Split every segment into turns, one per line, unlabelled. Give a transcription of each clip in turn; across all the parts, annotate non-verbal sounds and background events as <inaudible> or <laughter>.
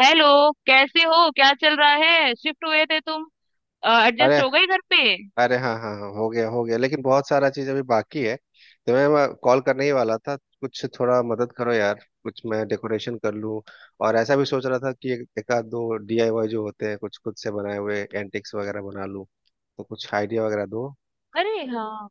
Hello. कैसे हो, क्या चल रहा है? शिफ्ट हुए थे तुम? एडजस्ट
अरे,
हो गई घर पे?
अरे हाँ हाँ हाँ, हो गया, हो गया, लेकिन बहुत सारा चीज अभी बाकी है। तो मैं कॉल करने ही वाला था, कुछ थोड़ा मदद करो यार, कुछ मैं डेकोरेशन कर लूँ। और ऐसा भी सोच रहा था कि एक एक आध दो डीआईवाई जो होते हैं कुछ खुद से बनाए हुए एंटिक्स वगैरह बना लूँ। तो कुछ आइडिया वगैरह दो।
अरे हाँ,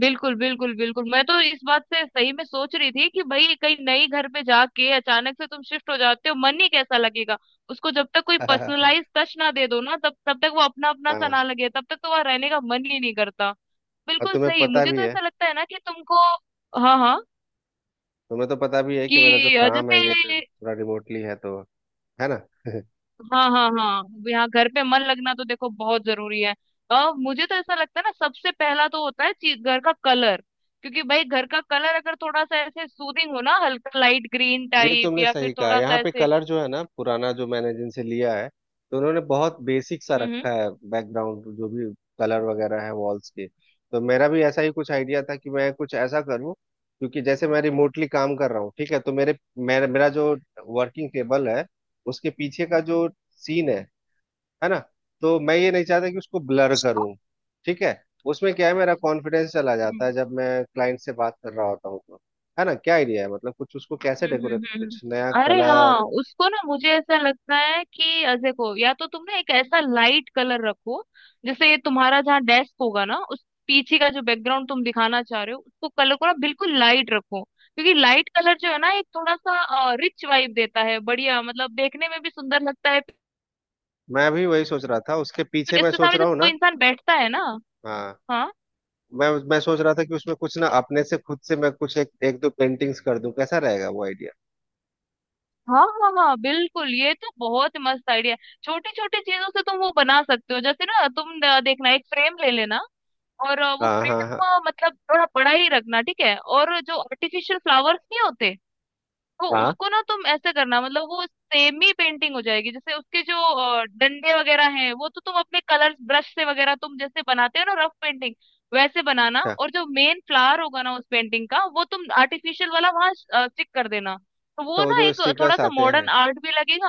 बिल्कुल बिल्कुल बिल्कुल, मैं तो इस बात से सही में सोच रही थी कि भाई कहीं नई घर पे जाके अचानक से तुम शिफ्ट हो जाते हो, मन ही कैसा लगेगा। उसको जब तक कोई
<laughs> हाँ।
पर्सनलाइज टच ना दे दो ना, तब तब तक वो अपना अपना सा ना लगे, तब तक तो वहां रहने का मन ही नहीं करता।
और
बिल्कुल
तुम्हें
सही,
पता
मुझे
भी
तो
है।
ऐसा लगता है ना कि तुमको। हाँ हाँ,
तुम्हें तो पता भी है कि मेरा जो
कि
काम है ये
जैसे।
थोड़ा रिमोटली है, तो है ना। <laughs>
हाँ हाँ हाँ। यहाँ घर पे मन लगना तो देखो बहुत जरूरी है। और मुझे तो ऐसा लगता है ना, सबसे पहला तो होता है चीज घर का कलर। क्योंकि भाई घर का कलर अगर थोड़ा सा ऐसे सूदिंग हो ना, हल्का लाइट ग्रीन
ये
टाइप,
तुमने
या फिर
सही कहा।
थोड़ा सा
यहाँ पे
ऐसे।
कलर जो है ना, पुराना जो मैंने जिनसे लिया है, तो उन्होंने बहुत बेसिक सा
हम्म
रखा है बैकग्राउंड जो भी कलर वगैरह है वॉल्स के। तो मेरा भी ऐसा ही कुछ आइडिया था कि मैं कुछ ऐसा करूँ। क्योंकि जैसे मैं रिमोटली काम कर रहा हूँ, ठीक है, तो मेरे मेरा मेरा जो वर्किंग टेबल है, उसके पीछे का जो सीन है ना, तो मैं ये नहीं चाहता कि उसको ब्लर करूं। ठीक है। उसमें क्या है, मेरा कॉन्फिडेंस चला
हम्म
जाता है जब मैं क्लाइंट से बात कर रहा होता हूँ तो, है ना। क्या आइडिया है, मतलब कुछ उसको कैसे
हम्म
डेकोरेट,
हम्म
कुछ
हम्म।
नया
अरे हाँ,
कलर?
उसको ना मुझे ऐसा लगता है कि देखो या तो तुम ना एक ऐसा लाइट कलर रखो, जैसे ये तुम्हारा जहाँ डेस्क होगा ना उस पीछे का जो बैकग्राउंड तुम दिखाना चाह रहे हो उसको कलर को ना बिल्कुल लाइट रखो, क्योंकि लाइट कलर जो है ना एक थोड़ा सा रिच वाइब देता है, बढ़िया मतलब देखने में भी सुंदर लगता है।
मैं भी वही सोच रहा था उसके पीछे,
क्योंकि
मैं
इसके
सोच
सामने
रहा
जब
हूँ
कोई
ना।
इंसान बैठता है ना।
हाँ,
हाँ।
मैं सोच रहा था कि उसमें कुछ ना
उस-
अपने से खुद से मैं कुछ एक दो पेंटिंग्स कर दूं, कैसा रहेगा वो आइडिया?
हाँ हाँ हाँ, बिल्कुल, ये तो बहुत ही मस्त आइडिया है। छोटी छोटी चीजों से तुम वो बना सकते हो। जैसे ना तुम देखना, एक फ्रेम ले लेना और वो
हाँ
फ्रेम
हाँ हाँ
मतलब थोड़ा बड़ा ही रखना, ठीक है, और जो आर्टिफिशियल फ्लावर्स नहीं होते, तो
हाँ।
उसको ना तुम ऐसे करना, मतलब वो सेमी पेंटिंग हो जाएगी। जैसे उसके जो डंडे वगैरह हैं, वो तो तुम अपने कलर्स ब्रश से वगैरह तुम जैसे बनाते हो ना रफ पेंटिंग, वैसे बनाना,
अच्छा,
और जो मेन फ्लावर होगा ना उस पेंटिंग का, वो तुम आर्टिफिशियल वाला वहां स्टिक कर देना। तो
तो
वो
वो
ना
जो
एक थोड़ा
स्टिकर्स
सा
आते हैं?
मॉडर्न आर्ट भी लगेगा।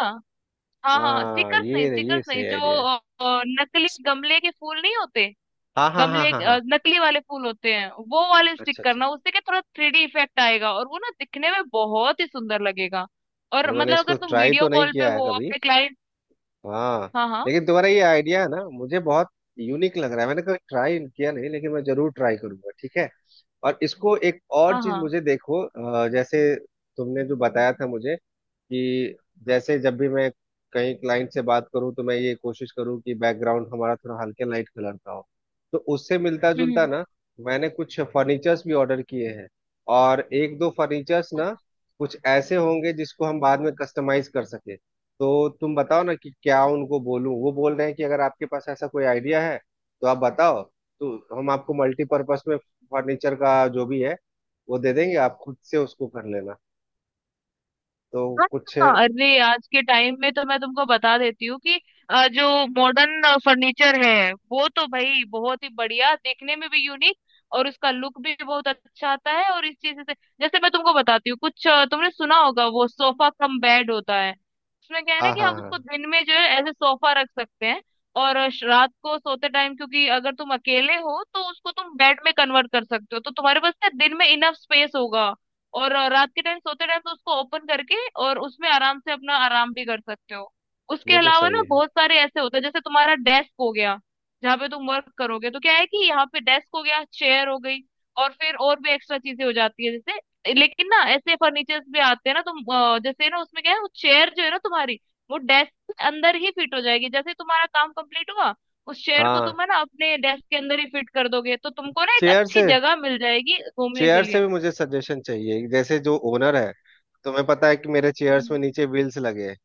हाँ हाँ,
हाँ,
स्टिकर्स नहीं,
ये
स्टिकर्स नहीं,
सही
जो
आइडिया है।
नकली गमले के फूल नहीं होते,
हाँ हाँ हाँ
गमले
हाँ हाँ।
नकली वाले फूल होते हैं, वो वाले स्टिक
अच्छा अच्छा।
करना। उससे क्या थोड़ा 3D इफेक्ट आएगा और वो ना दिखने में बहुत ही सुंदर लगेगा। और
यार मैंने
मतलब
इसको
अगर तुम
ट्राई
वीडियो
तो नहीं
कॉल पे
किया है
हो
कभी।
अपने क्लाइंट।
हाँ,
हाँ हाँ
लेकिन तुम्हारा ये आइडिया है ना, मुझे बहुत यूनिक लग रहा है। मैंने कभी ट्राई किया नहीं, लेकिन मैं जरूर ट्राई करूंगा, ठीक है। और इसको एक और
हाँ
चीज
हाँ।
मुझे देखो, जैसे तुमने जो बताया था मुझे कि जैसे जब भी मैं कहीं क्लाइंट से बात करूं तो मैं ये कोशिश करूं कि बैकग्राउंड हमारा थोड़ा हल्के लाइट कलर का हो, तो उससे मिलता
हम्म हम्म।
जुलता ना। मैंने कुछ फर्नीचर्स भी ऑर्डर किए हैं। और एक दो फर्नीचर्स ना कुछ ऐसे होंगे जिसको हम बाद में कस्टमाइज कर सके। तो तुम बताओ ना कि क्या उनको बोलूं। वो बोल रहे हैं कि अगर आपके पास ऐसा कोई आइडिया है तो आप बताओ, तो हम आपको मल्टीपर्पस में फर्नीचर का जो भी है वो दे देंगे, आप खुद से उसको कर लेना। तो
हाँ,
कुछ हाँ
हाँ, हाँ। अरे आज के टाइम में तो मैं तुमको बता देती हूँ कि जो मॉडर्न फर्नीचर है वो तो भाई बहुत ही बढ़िया, देखने में भी यूनिक, और उसका लुक भी बहुत अच्छा आता है, और इस चीज से जैसे मैं तुमको बताती हूँ कुछ, तुमने सुना होगा वो सोफा कम बेड होता है। उसमें क्या है ना
हाँ
कि हम उसको
हाँ।
दिन में जो है ऐसे सोफा रख सकते हैं, और रात को सोते टाइम, क्योंकि अगर तुम अकेले हो तो उसको तुम बेड में कन्वर्ट कर सकते हो, तो तुम्हारे पास ना दिन में इनफ स्पेस होगा, और रात के टाइम सोते टाइम तो उसको ओपन करके और उसमें आराम से अपना आराम भी कर सकते हो। उसके
ये तो
अलावा
सही
ना
है।
बहुत सारे ऐसे होते हैं, जैसे तुम्हारा डेस्क हो गया, जहाँ पे तुम वर्क करोगे, तो क्या है कि यहाँ पे डेस्क हो गया, चेयर हो गई, और फिर और भी एक्स्ट्रा चीजें हो जाती है जैसे, लेकिन ना ऐसे फर्नीचर्स भी आते हैं ना, तुम जैसे ना उसमें क्या है, वो चेयर जो है ना तुम्हारी, वो डेस्क के अंदर ही फिट हो जाएगी। जैसे तुम्हारा काम कंप्लीट हुआ, उस चेयर को
हाँ।
तुम है ना अपने डेस्क के अंदर ही फिट कर दोगे, तो तुमको ना एक
चेयर
अच्छी
से,
जगह मिल जाएगी घूमने के
चेयर से
लिए।
भी मुझे सजेशन चाहिए। जैसे जो ओनर है, तुम्हें पता है कि मेरे चेयर्स
हम्म।
में नीचे व्हील्स लगे हैं।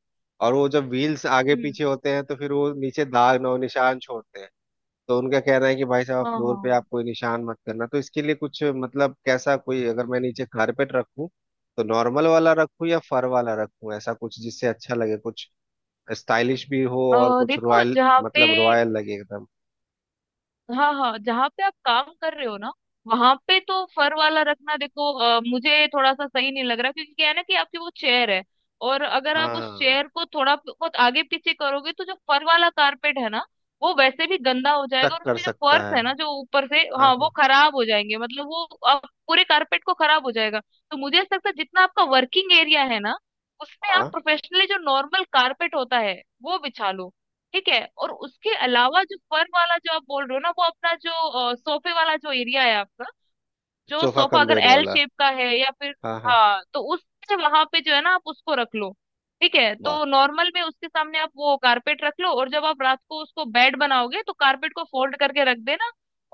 और वो जब व्हील्स आगे
हम्म।
पीछे होते हैं तो फिर वो नीचे दाग नौ निशान छोड़ते हैं। तो उनका कहना है कि भाई साहब
हाँ
फ्लोर पे आप
हाँ।
कोई निशान मत करना। तो इसके लिए कुछ, मतलब कैसा, कोई अगर मैं नीचे कारपेट रखूं, तो नॉर्मल वाला रखूं या फर वाला रखूं? ऐसा कुछ जिससे अच्छा लगे, कुछ स्टाइलिश भी हो और कुछ
देखो
रॉयल,
जहाँ पे,
मतलब रॉयल लगे एकदम।
हाँ हाँ, जहाँ पे आप काम कर रहे हो ना, वहां पे तो फर वाला रखना, देखो मुझे थोड़ा सा सही नहीं लग रहा, क्योंकि क्या है ना कि आपकी वो चेयर है, और अगर आप उस
हाँ,
चेयर को थोड़ा बहुत आगे पीछे करोगे, तो जो फर वाला कारपेट है ना वो वैसे भी गंदा हो जाएगा,
चक
और
कर
उसके जो
सकता
फर्श
है।
है ना जो ऊपर से,
हाँ
हाँ वो
हाँ
खराब हो जाएंगे, मतलब वो आप पूरे कारपेट को खराब हो जाएगा। तो मुझे ऐसा लगता है जितना आपका वर्किंग एरिया है ना, उसमें आप
हाँ।
प्रोफेशनली जो नॉर्मल कारपेट होता है वो बिछा लो, ठीक है, और उसके अलावा जो फन वाला जो आप बोल रहे हो ना, वो अपना जो सोफे वाला जो एरिया है आपका, जो
सोफा
सोफा
कम
अगर
बेड
एल
वाला।
शेप का है या फिर,
हाँ हाँ।
हाँ तो उससे वहां पे जो है ना आप उसको रख लो। ठीक है,
वाह।
तो नॉर्मल में उसके सामने आप वो कारपेट रख लो, और जब आप रात को उसको बेड बनाओगे तो कारपेट को फोल्ड करके रख देना,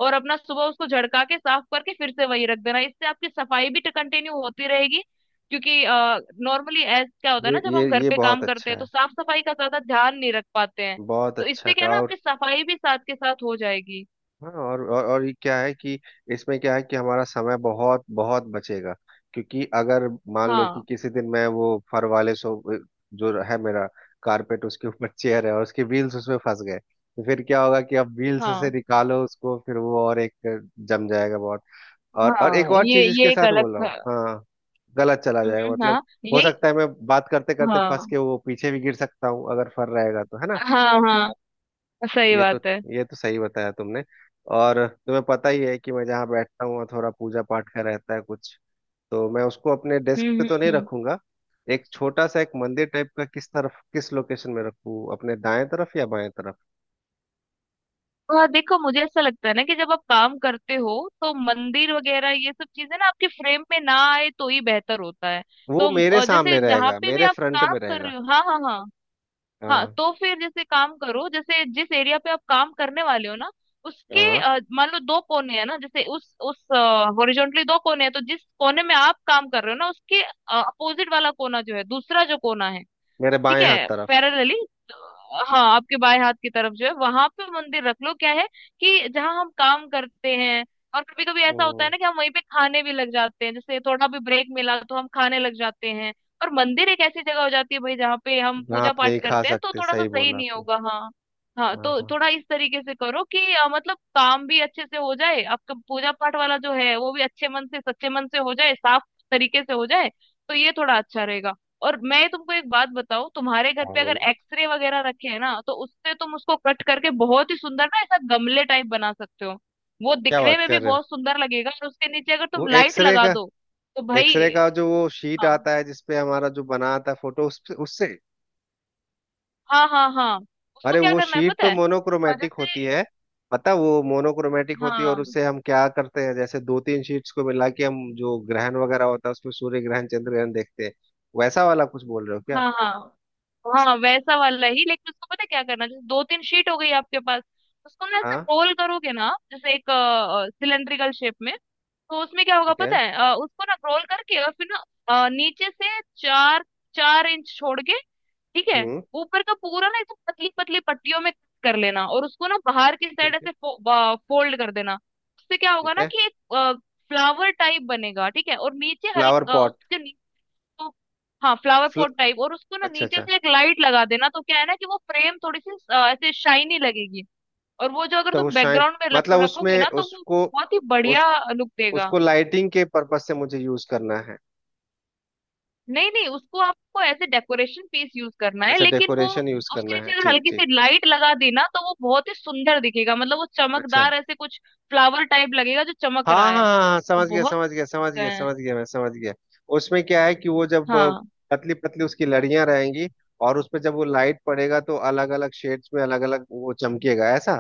और अपना सुबह उसको झड़का के साफ करके फिर से वही रख देना, इससे आपकी सफाई भी कंटिन्यू होती रहेगी। क्योंकि नॉर्मली ऐसा क्या होता है
ये
ना जब
ये
हम घर
ये
पे
बहुत
काम करते
अच्छा
हैं तो
है।
साफ सफाई का ज्यादा ध्यान नहीं रख पाते हैं,
बहुत
तो
अच्छा
इससे क्या है
का
ना
और।
आपकी सफाई भी साथ के साथ हो जाएगी।
हाँ, और ये क्या है कि इसमें क्या है कि हमारा समय बहुत बहुत बचेगा। क्योंकि अगर मान लो कि
हाँ
किसी दिन मैं वो फर वाले सो जो है मेरा कारपेट, उसके ऊपर चेयर है और उसके व्हील्स उसमें फंस गए, तो फिर क्या होगा कि अब व्हील्स से
हाँ
निकालो उसको, फिर वो और एक जम जाएगा बहुत। और
हाँ,
एक और चीज इसके
ये एक
साथ
अलग।
बोल रहा हूँ, हाँ, गलत चला जाएगा मतलब।
हाँ
हो
यही।
सकता है मैं बात करते करते फंस
हाँ
के वो पीछे भी गिर सकता हूँ अगर फर रहेगा तो, है ना।
हाँ हाँ, सही
ये तो
बात है।
ये तो सही बताया तुमने। और तुम्हें पता ही है कि मैं जहाँ बैठता हूँ वहाँ थोड़ा पूजा पाठ का रहता है कुछ। तो मैं उसको अपने डेस्क
हम्म
पे
हम्म
तो नहीं
हम्म।
रखूंगा। एक छोटा सा एक मंदिर टाइप का किस तरफ किस लोकेशन में रखूँ, अपने दाएं तरफ या बाएं तरफ?
तो हाँ देखो, मुझे ऐसा लगता है ना कि जब आप काम करते हो तो मंदिर वगैरह ये सब चीजें ना आपके फ्रेम में ना आए तो ही बेहतर होता है।
वो
तो
मेरे
जैसे
सामने
जहाँ
रहेगा,
पे भी
मेरे
आप
फ्रंट
काम
में
कर
रहेगा।
रहे हो, हाँ हाँ हाँ हाँ,
हाँ
तो फिर जैसे काम करो, जैसे जिस एरिया पे आप काम करने वाले हो ना, उसके
हाँ।
मान लो दो कोने हैं ना, जैसे उस हॉरिजॉन्टली दो कोने हैं, तो जिस कोने में आप काम कर रहे हो ना उसके अपोजिट वाला कोना जो है, दूसरा जो कोना है,
मेरे
ठीक
बाएं हाथ
है
तरफ।
पैरेलली, हाँ आपके बाएं हाथ की तरफ जो है वहां पे मंदिर रख लो। क्या है कि जहाँ हम काम करते हैं, और कभी कभी ऐसा होता
हम्म।
है ना कि हम वहीं पे खाने भी लग जाते हैं, जैसे थोड़ा भी ब्रेक मिला तो हम खाने लग जाते हैं, और मंदिर एक ऐसी जगह हो जाती है भाई जहाँ पे हम
जहाँ
पूजा
आप
पाठ
नहीं खा
करते हैं, तो
सकते,
थोड़ा सा
सही
सही
बोला
नहीं
आपने।
होगा। हाँ हाँ,
हाँ
तो
हाँ
थोड़ा इस तरीके से करो कि मतलब काम भी अच्छे से हो जाए आपका, पूजा पाठ वाला जो है वो भी अच्छे मन से सच्चे मन से हो जाए, साफ तरीके से हो जाए, तो ये थोड़ा अच्छा रहेगा। और मैं तुमको एक बात बताऊं, तुम्हारे घर
हाँ,
पे अगर
बोलो।
एक्सरे वगैरह रखे हैं ना तो उससे तुम उसको कट करके बहुत ही सुंदर ना ऐसा गमले टाइप बना सकते हो। वो
क्या
दिखने
बात
में भी
कर रहे हो,
बहुत सुंदर लगेगा, और उसके नीचे अगर
वो
तुम लाइट
एक्सरे
लगा
का?
दो तो भाई।
एक्सरे का जो वो शीट
हाँ
आता है जिसपे हमारा जो बना आता है फोटो, उस उससे?
हाँ हाँ हाँ। उसको
अरे
क्या
वो
करना है
शीट
पता
तो
है। और
मोनोक्रोमेटिक होती
जैसे,
है। पता, वो मोनोक्रोमेटिक होती है और
हाँ
उससे हम क्या करते हैं जैसे दो तीन शीट्स को मिला के हम जो ग्रहण वगैरह होता है उसमें सूर्य ग्रहण चंद्र ग्रहण देखते हैं। वैसा वाला कुछ बोल रहे हो क्या?
हाँ हाँ हाँ वैसा वाला ही, लेकिन उसको पता है क्या करना है? जैसे दो तीन शीट हो गई आपके पास, उसको ना ऐसे
हाँ।
रोल करोगे ना जैसे एक सिलेंड्रिकल शेप में, तो उसमें क्या होगा
ठीक
पता
है।
है, उसको ना रोल करके और फिर ना नीचे से चार चार इंच छोड़ के, ठीक है,
हम्म।
ऊपर का पूरा ना एकदम पतली पतली पट्टियों में कर लेना, और उसको ना बाहर की साइड
ठीक है।
ऐसे फोल्ड कर देना। उससे क्या होगा
ठीक
ना
है।
कि एक फ्लावर टाइप बनेगा, ठीक है, और नीचे
फ्लावर
हल्का
पॉट।
उसके नीचे, हाँ फ्लावर
फ्ल...
पॉट टाइप, और उसको ना
अच्छा
नीचे
अच्छा।
से एक लाइट लगा देना, तो क्या है ना कि वो फ्रेम थोड़ी सी ऐसे शाइनी लगेगी। और वो जो अगर
तो वो
तुम
शाइन,
बैकग्राउंड में रखो
मतलब
रखोगे ना
उसमें
तो वो
उसको,
बहुत ही
उस
बढ़िया लुक देगा।
उसको लाइटिंग के पर्पज से मुझे यूज करना है।
नहीं नहीं, उसको आपको ऐसे डेकोरेशन पीस यूज करना है,
अच्छा,
लेकिन वो
डेकोरेशन यूज करना
उसके
है,
नीचे अगर
ठीक
हल्की
ठीक।
सी लाइट लगा दी ना तो वो बहुत ही सुंदर दिखेगा, मतलब वो
अच्छा।
चमकदार ऐसे कुछ फ्लावर टाइप लगेगा जो चमक रहा
हाँ हाँ
है,
हाँ हाँ,
वो
समझ गया
बहुत।
समझ गया समझ गया
अ,
समझ गया, मैं समझ गया। उसमें क्या है कि वो जब
हाँ
पतली पतली उसकी लड़ियां रहेंगी, और उस पे जब वो लाइट पड़ेगा तो अलग अलग शेड्स में अलग अलग वो चमकेगा, ऐसा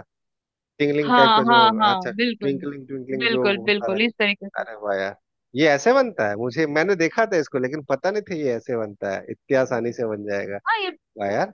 टिंगलिंग टाइप
हाँ
का जो
हाँ
होगा, अच्छा
हाँ, बिल्कुल
ट्विंकलिंग, ट्विंकलिंग जो
बिल्कुल
होता
बिल्कुल,
रहता
इस तरीके
है।
से।
अरे वाह यार, ये ऐसे बनता है! मुझे, मैंने देखा था इसको लेकिन पता नहीं था ये ऐसे बनता है, इतनी आसानी से बन जाएगा।
हाँ ये,
वाह यार।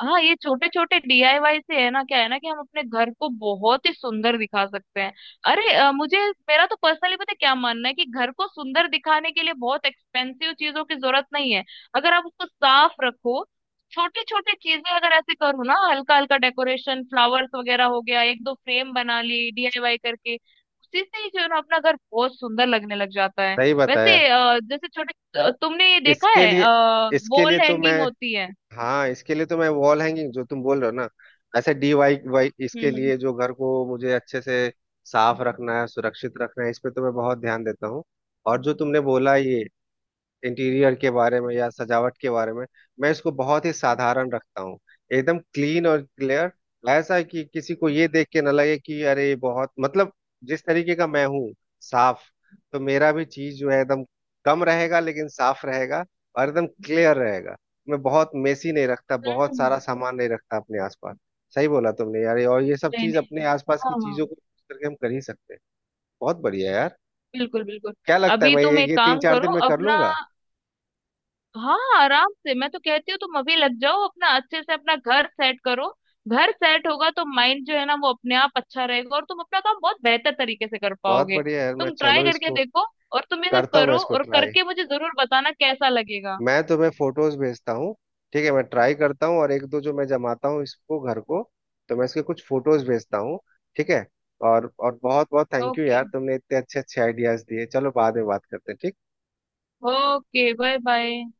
हाँ ये छोटे छोटे डीआईवाई से है ना, क्या है ना कि हम अपने घर को बहुत ही सुंदर दिखा सकते हैं। अरे मुझे मेरा तो पर्सनली पता है क्या मानना है, कि घर को सुंदर दिखाने के लिए बहुत एक्सपेंसिव चीजों की जरूरत नहीं है। अगर आप उसको साफ रखो, छोटे छोटे चीजें अगर ऐसे करो ना, हल्का हल्का डेकोरेशन, फ्लावर्स वगैरह हो गया, एक दो फ्रेम बना ली डीआईवाई करके, उसी से ही जो है ना अपना घर बहुत सुंदर लगने लग जाता है।
सही
वैसे
बताया।
जैसे छोटे तुमने ये देखा
इसके
है,
लिए इसके लिए
वॉल
तो
हैंगिंग
मैं
होती है।
हाँ इसके लिए तो मैं वॉल हैंगिंग जो तुम बोल रहे हो ना, ऐसे डी वाई वाई, इसके
हम्म हम्म।
लिए जो घर को मुझे अच्छे से साफ रखना है सुरक्षित रखना है, इस पे तो मैं बहुत ध्यान देता हूँ। और जो तुमने बोला ये इंटीरियर के बारे में या सजावट के बारे में, मैं इसको बहुत ही साधारण रखता हूँ, एकदम क्लीन और क्लियर। ऐसा है कि किसी को ये देख के ना लगे कि अरे ये बहुत, मतलब जिस तरीके का मैं हूँ साफ, तो मेरा भी चीज जो है एकदम कम रहेगा लेकिन साफ रहेगा और एकदम क्लियर रहेगा। मैं बहुत मेसी नहीं रखता, बहुत
हम्म,
सारा सामान नहीं रखता अपने आसपास। सही बोला तुमने यार, और ये सब
नहीं
चीज
नहीं।
अपने आसपास की
हाँ,
चीजों को use करके हम कर ही सकते हैं। बहुत बढ़िया यार।
बिल्कुल बिल्कुल।
क्या लगता है
अभी
मैं
तुम एक
ये तीन
काम
चार
करो
दिन में कर
अपना,
लूंगा?
हाँ, आराम से, मैं तो कहती हूँ तुम अभी लग जाओ अपना, अच्छे से अपना घर सेट करो। घर सेट होगा तो माइंड जो है ना वो अपने आप अच्छा रहेगा और तुम अपना काम बहुत बेहतर तरीके से कर
बहुत
पाओगे।
बढ़िया यार। मैं
तुम ट्राई
चलो
करके
इसको
देखो। और तुम ये सब
करता हूँ, मैं
करो,
इसको
और
ट्राई।
करके मुझे जरूर बताना कैसा लगेगा।
मैं तुम्हें फोटोज भेजता हूँ। ठीक है, मैं ट्राई करता हूँ और एक दो जो मैं जमाता हूँ इसको, घर को, तो मैं इसके कुछ फोटोज भेजता हूँ। ठीक है। और बहुत बहुत थैंक यू
ओके।
यार, तुमने इतने अच्छे अच्छे आइडियाज दिए। चलो, बाद में बात करते हैं। ठीक।
Okay bye bye.